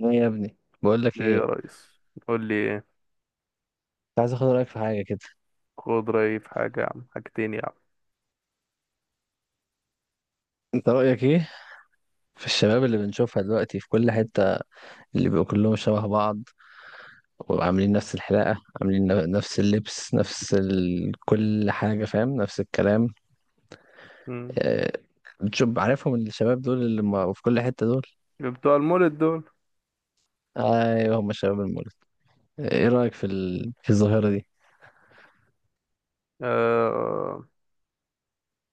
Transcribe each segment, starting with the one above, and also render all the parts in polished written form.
ايه يا ابني؟ بقول لك ليه يا ايه. ريس، قول لي ايه. كنت عايز اخد رايك في حاجه كده. خد رأيي في حاجة يا عم، حاجتين يا عم. انت رايك ايه في الشباب اللي بنشوفها دلوقتي في كل حته، اللي بيبقوا كلهم شبه بعض وعاملين نفس الحلاقه، عاملين نفس اللبس، نفس كل حاجه، فاهم، نفس الكلام. مم. آه، بتشوف عارفهم الشباب دول اللي ما... في كل حته دول. بتوع المولد دول. ايوه، هم الشباب المولد. ايه رايك في الظاهره دي؟ أه،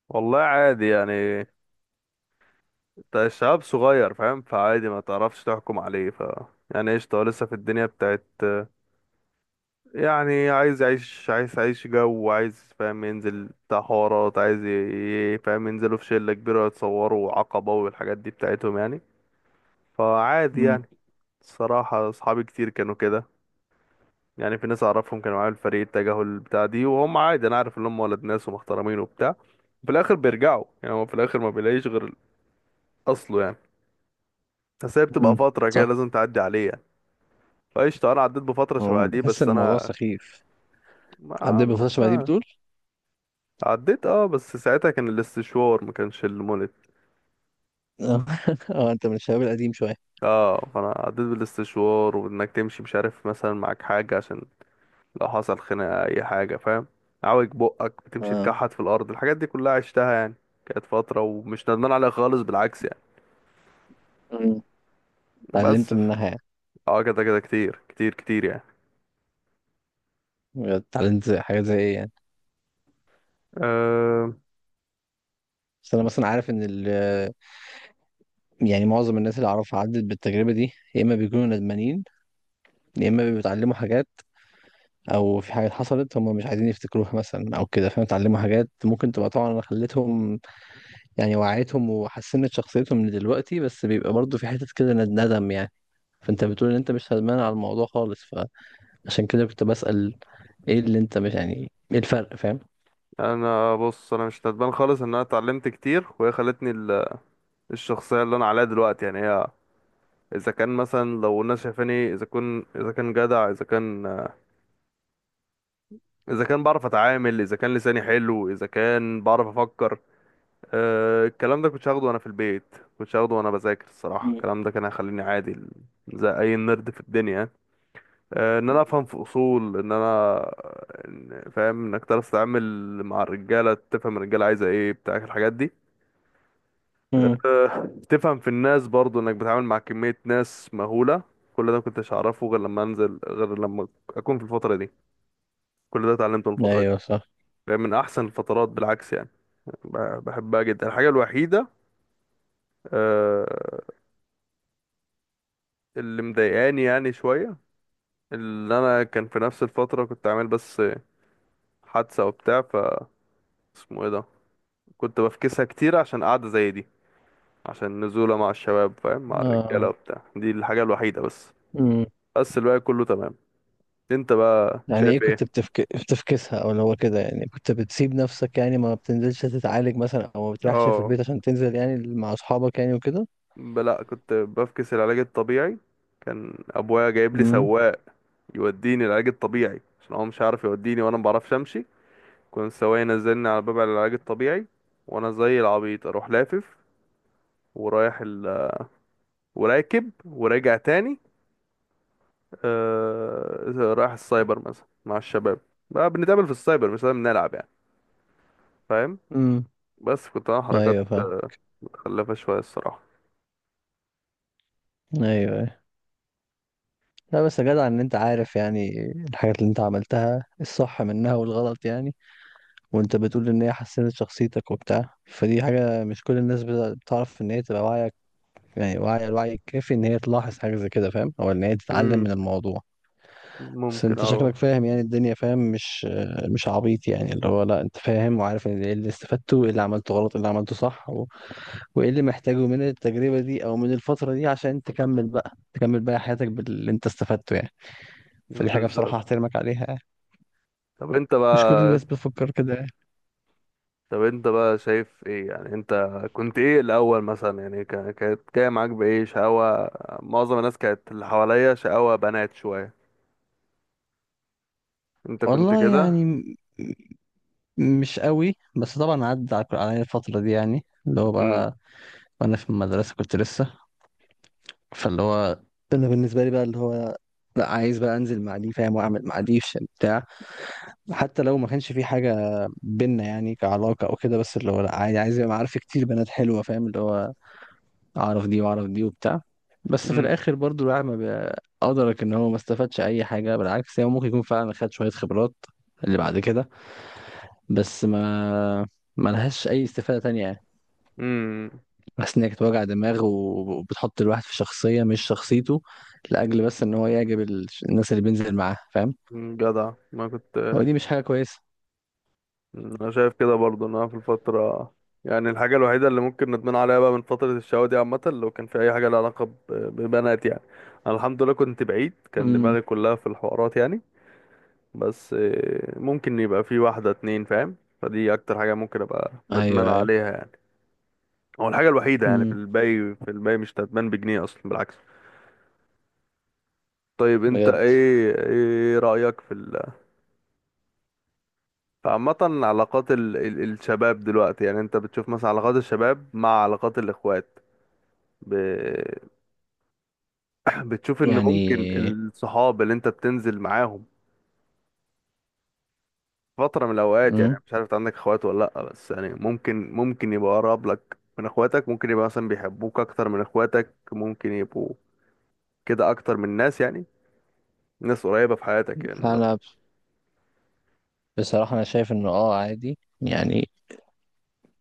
والله عادي يعني. انت الشباب صغير فاهم، فعادي ما تعرفش تحكم عليه ف يعني قشطة، هو لسه في الدنيا بتاعت يعني، عايز يعيش، عايز يعيش جو، عايز فاهم ينزل بتاع حوارات، عايز فاهم ينزلوا في شلة كبيرة يتصوروا عقبة والحاجات دي بتاعتهم يعني. فعادي امم. يعني. الصراحة أصحابي كتير كانوا كده يعني. في ناس أعرفهم كانوا معايا في الفريق التجاهل بتاع دي، وهم عادي أنا عارف إن هم ولد ناس ومحترمين وبتاع. في الآخر بيرجعوا يعني، هو في الآخر ما بيلاقيش غير أصله يعني. بس هي بتبقى امم، فترة كده صح. لازم تعدي عليه يعني. فقشطة، أنا عديت بفترة شبه دي بحس بس ان الموضوع أنا سخيف عندنا، بيفضل شبه ما دي بتقول. عديت اه. بس ساعتها كان الاستشوار، ما كانش المولد. اه، انت من الشباب القديم شويه. اه، فانا عديت بالاستشوار، وانك تمشي مش عارف مثلا معاك حاجة عشان لو حصل خناقة اي حاجة فاهم. عوج بقك، بتمشي اه. تكحت في الارض، الحاجات دي كلها عشتها يعني. كانت فترة ومش ندمان عليها خالص، بالعكس يعني. بس اتعلمت ف- منها يعني. اه كده كده كتير كتير كتير يعني. اتعلمت حاجات زي ايه يعني؟ أه. بس انا مثلا عارف ان يعني معظم الناس اللي اعرفها عدت بالتجربه دي، يا اما بيكونوا ندمانين يا اما بيتعلموا حاجات، او في حاجات حصلت هم مش عايزين يفتكروها مثلا، او كده، فاهم، اتعلموا حاجات ممكن تبقى طبعا خلتهم يعني وعيتهم وحسنت شخصيتهم من دلوقتي، بس بيبقى برضه في حته كده ندم يعني. فانت بتقول ان انت مش ندمان على الموضوع خالص، فعشان كده كنت بسأل ايه اللي انت مش يعني ايه الفرق، فاهم؟ انا بص، انا مش ندمان خالص. ان انا اتعلمت كتير، وهي خلتني الشخصية اللي انا عليها دلوقتي يعني. هي اذا كان مثلا لو الناس شايفاني اذا كنت، اذا كان جدع، اذا كان، اذا كان بعرف اتعامل، اذا كان لساني حلو، اذا كان بعرف افكر. أه الكلام ده كنتش هاخده وانا في البيت، كنتش هاخده وانا بذاكر. الصراحه مم. الكلام ده كان هيخليني عادي زي اي نرد في الدنيا يعني. أه، ان انا افهم في اصول، ان انا فاهم انك تعرف تتعامل مع الرجاله، تفهم الرجاله عايزه ايه بتاع الحاجات دي. مم. أه تفهم في الناس برضو، انك بتتعامل مع كميه ناس مهوله. كل ده مكنتش هعرفه غير لما انزل، غير لما اكون في الفتره دي. كل ده اتعلمته من الفتره دي ايوه صح. فاهم، من احسن الفترات بالعكس يعني. بحبها جدا. الحاجة الوحيدة آه، اللي مضايقاني يعني شوية، اللي أنا كان في نفس الفترة كنت عامل بس حادثة وبتاع ف اسمه ايه ده، كنت بفكسها كتير عشان قعدة زي دي، عشان نزولة مع الشباب فاهم، مع الرجالة آه. وبتاع. دي الحاجة الوحيدة بس. امم. بس الباقي كله تمام. انت بقى يعني ايه شايف ايه؟ كنت بتفكسها او اللي هو كده يعني؟ كنت بتسيب نفسك يعني ما بتنزلش تتعالج مثلا او ما بتريحش في اه، البيت عشان تنزل يعني مع اصحابك يعني وكده؟ لأ كنت بفكس العلاج الطبيعي. كان أبويا جايب لي امم. سواق يوديني العلاج الطبيعي عشان هو مش عارف يوديني، وأنا مبعرفش أمشي. كنت سواق نزلني على باب العلاج الطبيعي، وانا زي العبيط اروح لافف، ورايح ال... وراكب وراجع تاني. آه... رايح السايبر مثلا مع الشباب، بقى بنتقابل في السايبر مش لازم نلعب يعني. فاهم. امم. بس كنت انا حركات ايوه فاهم. متخلفة شوية الصراحة ايوه أيوة. لا بس يا جدع، ان انت عارف يعني الحاجات اللي انت عملتها الصح منها والغلط يعني، وانت بتقول ان هي حسنت شخصيتك وبتاع، فدي حاجة مش كل الناس بتعرف ان هي تبقى واعية يعني، واعية الوعي الكافي ان هي تلاحظ حاجة زي كده، فاهم، او ان هي تتعلم امم من الموضوع. بس ممكن انت اه شكلك فاهم يعني الدنيا، فاهم، مش عبيط يعني، اللي هو لا انت فاهم وعارف ان ايه اللي استفدته وايه اللي عملته غلط، ايه اللي عملته صح وايه اللي محتاجه من التجربة دي او من الفترة دي عشان تكمل بقى، تكمل بقى حياتك باللي انت استفدته يعني. فدي حاجة بالظبط. بصراحة احترمك عليها يعني. طب انت مش كل بقى، الناس بتفكر كده يعني. طب انت بقى شايف ايه يعني؟ انت كنت ايه الاول مثلا يعني، كانت جايه معاك بايه شقاوة؟ معظم الناس كانت اللي حواليا شقاوة بنات شوية، انت كنت والله يعني كده؟ مش قوي، بس طبعا عدى عليا الفترة دي يعني اللي هو امم بقى وانا في المدرسة كنت لسه، فاللي هو، انا بالنسبة لي بقى اللي هو لا عايز بقى انزل مع دي، فاهم، واعمل مع دي بتاع، حتى لو ما كانش في حاجة بينا يعني كعلاقة أو كده، بس اللي هو لأ عادي عايز يبقى معارف كتير بنات حلوة، فاهم، اللي هو أعرف دي وأعرف دي وبتاع، بس في امم الآخر برضو الواحد ما بي- أدرك إن هو ما استفادش أي حاجة، بالعكس هو ممكن يكون فعلا خد شوية خبرات اللي بعد كده، بس ما لهاش أي استفادة تانية يعني، امم بس إن هي كانت وجع دماغ وبتحط الواحد في شخصية مش شخصيته، لأجل بس إن هو يعجب الناس اللي بينزل معاها، فاهم. جدع ما كنت. هو دي مش حاجة كويسة. مم، انا شايف كده برضو ان انا في الفتره، يعني الحاجه الوحيده اللي ممكن ندمان عليها بقى من فتره الشقاوه دي عامه، لو كان في اي حاجه لها علاقه ببنات يعني. انا الحمد لله كنت بعيد، كان امم. دماغي كلها في الحوارات يعني. بس آه، ممكن يبقى في واحده اتنين فاهم. فدي اكتر حاجه ممكن ابقى ندمان أيوه أيوه. عليها يعني، هو الحاجه الوحيده يعني. في امم. الباقي في الباقي مش ندمان بجنيه اصلا، بالعكس. طيب انت بجد ايه، ايه رايك في ال فعامة علاقات ال... ال... الشباب دلوقتي يعني؟ انت بتشوف مثلا علاقات الشباب مع علاقات الاخوات ب... بتشوف ان ممكن يعني. الصحاب اللي انت بتنزل معاهم فترة من الاوقات يعني، مم. مش عارف إنت عندك اخوات ولا لا، بس يعني ممكن ممكن يبقى اقرب لك من اخواتك، ممكن يبقى مثلا بيحبوك اكتر من اخواتك، ممكن يبقوا كده اكتر من ناس يعني، ناس قريبة في حياتك يعني لا؟ انا بصراحة انا شايف انه اه عادي يعني،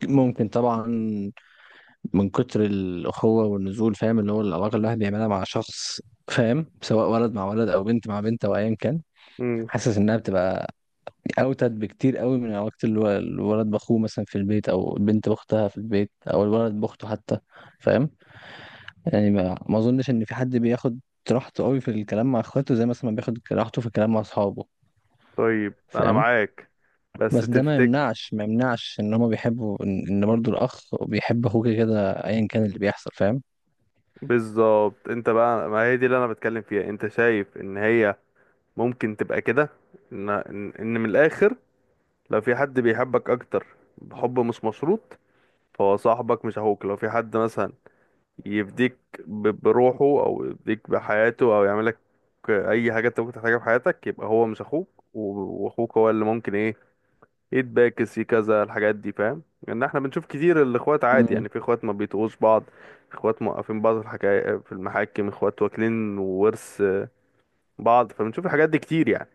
ممكن طبعا من كتر الاخوة والنزول، فاهم، اللي هو العلاقة اللي الواحد بيعملها مع شخص، فاهم، سواء ولد مع ولد او بنت مع بنت او ايا كان، امم حاسس انها بتبقى اوتد بكتير قوي من علاقة الولد باخوه مثلا في البيت او البنت باختها في البيت او الولد باخته حتى، فاهم، يعني ما اظنش ان في حد بياخد راحته قوي في الكلام مع اخواته زي مثلا ما بياخد راحته في الكلام مع اصحابه، طيب انا فاهم، معاك، بس بس ده ما تفتكر يمنعش، ما يمنعش ان هما بيحبوا ان إن برضو الاخ بيحب اخوه كده كده ايا كان اللي بيحصل، فاهم. بالظبط؟ انت بقى ما هي دي اللي انا بتكلم فيها. انت شايف ان هي ممكن تبقى كده؟ ان ان إن من الاخر، لو في حد بيحبك اكتر، بحب مش مشروط، فهو صاحبك مش اخوك. لو في حد مثلا يفديك بروحه، او يفديك بحياته، او يعملك اي حاجه انت ممكن تحتاجها في حياتك، يبقى هو مش اخوك. واخوك هو اللي ممكن ايه يتباكس كذا، الحاجات دي فاهم. لان احنا بنشوف كتير الاخوات عادي امم. يعني، في اخوات ما بيتقوش بعض، اخوات موقفين بعض في الحكاية في المحاكم، اخوات واكلين ورث بعض. فبنشوف الحاجات دي كتير يعني.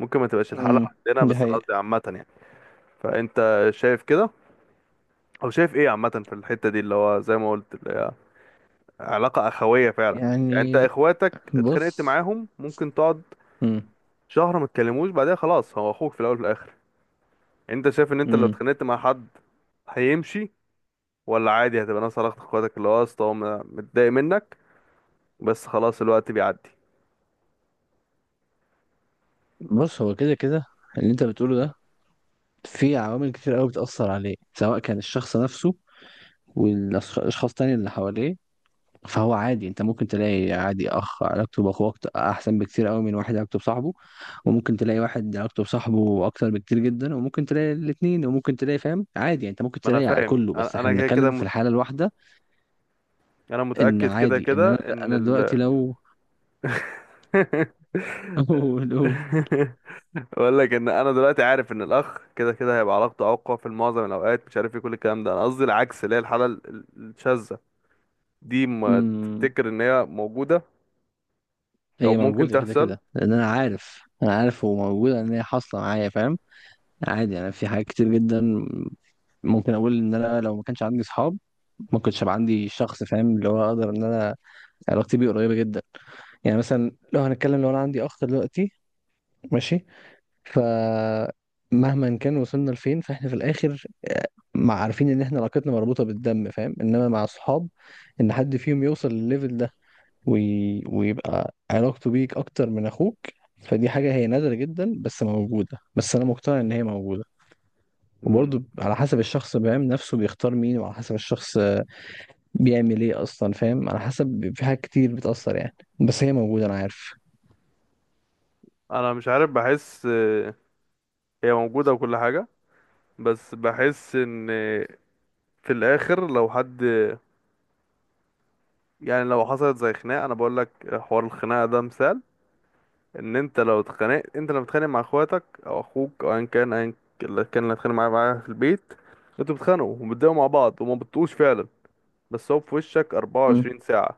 ممكن ما تبقاش الحالة امم. عندنا، دي بس انا حقيقة. قصدي عامة يعني. فانت شايف كده، او شايف ايه عامة في الحتة دي اللي هو زي ما قلت اللي هي علاقة اخوية فعلا؟ يعني انت يعني اخواتك اتخانقت بص معاهم ممكن تقعد مم. شهر ما تكلموش، بعدها خلاص، هو اخوك في الاول وفي الاخر. انت شايف ان انت لو مم. اتخانقت مع حد هيمشي، ولا عادي هتبقى ناس علاقة اخواتك اللي هو اصلا هو متضايق منك بس خلاص، الوقت بيعدي؟ بص هو كده كده اللي انت بتقوله ده، في عوامل كتير قوي بتأثر عليه، سواء كان الشخص نفسه والاشخاص تاني اللي حواليه، فهو عادي، انت ممكن تلاقي عادي اخ علاقته باخوه احسن بكتير قوي من واحد علاقته بصاحبه، وممكن تلاقي واحد علاقته بصاحبه اكتر بكتير جدا، وممكن تلاقي الاثنين، وممكن تلاقي، فاهم، عادي يعني، انت ممكن ما انا تلاقي على فاهم. كله، بس انا احنا أنا كده كده بنتكلم في مت... الحاله الواحده. انا ان متأكد كده عادي ان كده انا ان انا ال دلوقتي لو قول قول. بقول لك ان انا دلوقتي عارف ان الاخ كده كده هيبقى علاقته اقوى في معظم الاوقات، مش عارف ايه كل الكلام ده. انا قصدي العكس، اللي هي الحاله الشاذه دي، ما أمم، تفتكر ان هي موجوده او هي ممكن موجوده كده تحصل؟ كده، لان انا عارف انا عارف هو موجوده ان هي حاصله معايا، فاهم، عادي. انا في حاجات كتير جدا ممكن اقول ان انا لو ما كانش عندي اصحاب ما كنتش هبقى عندي شخص، فاهم، اللي هو اقدر ان انا علاقتي بيه قريبه جدا. يعني مثلا لو هنتكلم لو انا عندي اخ دلوقتي، ماشي، فمهما كان وصلنا لفين فاحنا في الاخر مع عارفين ان احنا علاقتنا مربوطة بالدم، فاهم، انما مع الصحاب ان حد فيهم يوصل للليفل ده ويبقى علاقته بيك اكتر من اخوك، فدي حاجة هي نادرة جدا، بس موجودة، بس انا مقتنع ان هي موجودة. مم. وبرضه على حسب الشخص بيعمل نفسه، بيختار مين، وعلى حسب الشخص بيعمل ايه اصلا، فاهم، على حسب، في حاجات كتير بتأثر يعني، بس هي موجودة انا عارف. انا مش عارف، بحس آه، هي موجوده وكل حاجه، بس بحس ان في الاخر لو حد، يعني لو حصلت زي خناقه. انا بقول لك حوار الخناقه ده مثال. ان انت لو اتخانقت، انت لما بتتخانق مع اخواتك او اخوك او ايا كان، ايا اللي كان اللي هتخانق معاه في البيت، انتوا بتتخانقوا وبتضايقوا مع بعض وما بتطقوش فعلا، بس هو في وشك امم. 24 ساعة،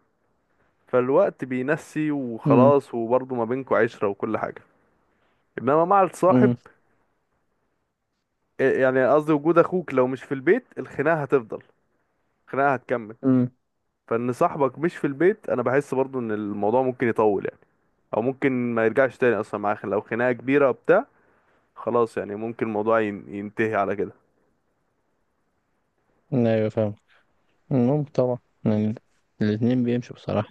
فالوقت بينسي وخلاص، وبرضه ما بينكوا عشرة وكل حاجة. انما مع الصاحب، امم. إيه يعني قصدي، وجود اخوك لو مش في البيت الخناقة هتفضل، الخناقة هتكمل. امم. فان صاحبك مش في البيت، انا بحس برضه ان الموضوع ممكن يطول يعني، او ممكن ما يرجعش تاني اصلا معاه، لو خناقة كبيرة بتاع خلاص يعني، ممكن الموضوع ينتهي على كده. ايوه فاهم. مم، طبعا. يعني الاتنين بيمشوا بصراحة.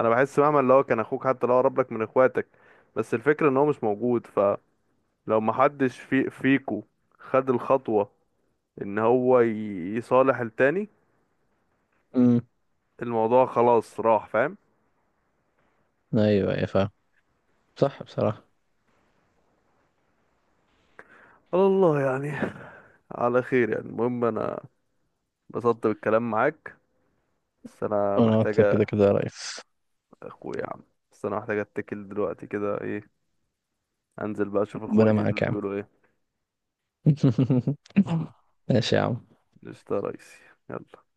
انا بحس مهما اللي هو كان اخوك حتى لو قرب لك من اخواتك، بس الفكرة ان هو مش موجود، فلو ما حدش في فيكو خد الخطوة ان هو يصالح التاني، امم. الموضوع خلاص راح فاهم. ايوه ايوه فاهم. صح بصراحة. على الله يعني، على خير يعني. المهم انا بسطت بالكلام معاك، بس انا وانا اكتر كده محتاجة كده يا ريس. اخويا يا عم. بس انا محتاجة اتكل دلوقتي كده، ايه، انزل بقى اشوف ربنا اخواتي دول معاك يا عم. بيقولوا ايه. ماشي يا عم. قشطة يا ريسي، يلا.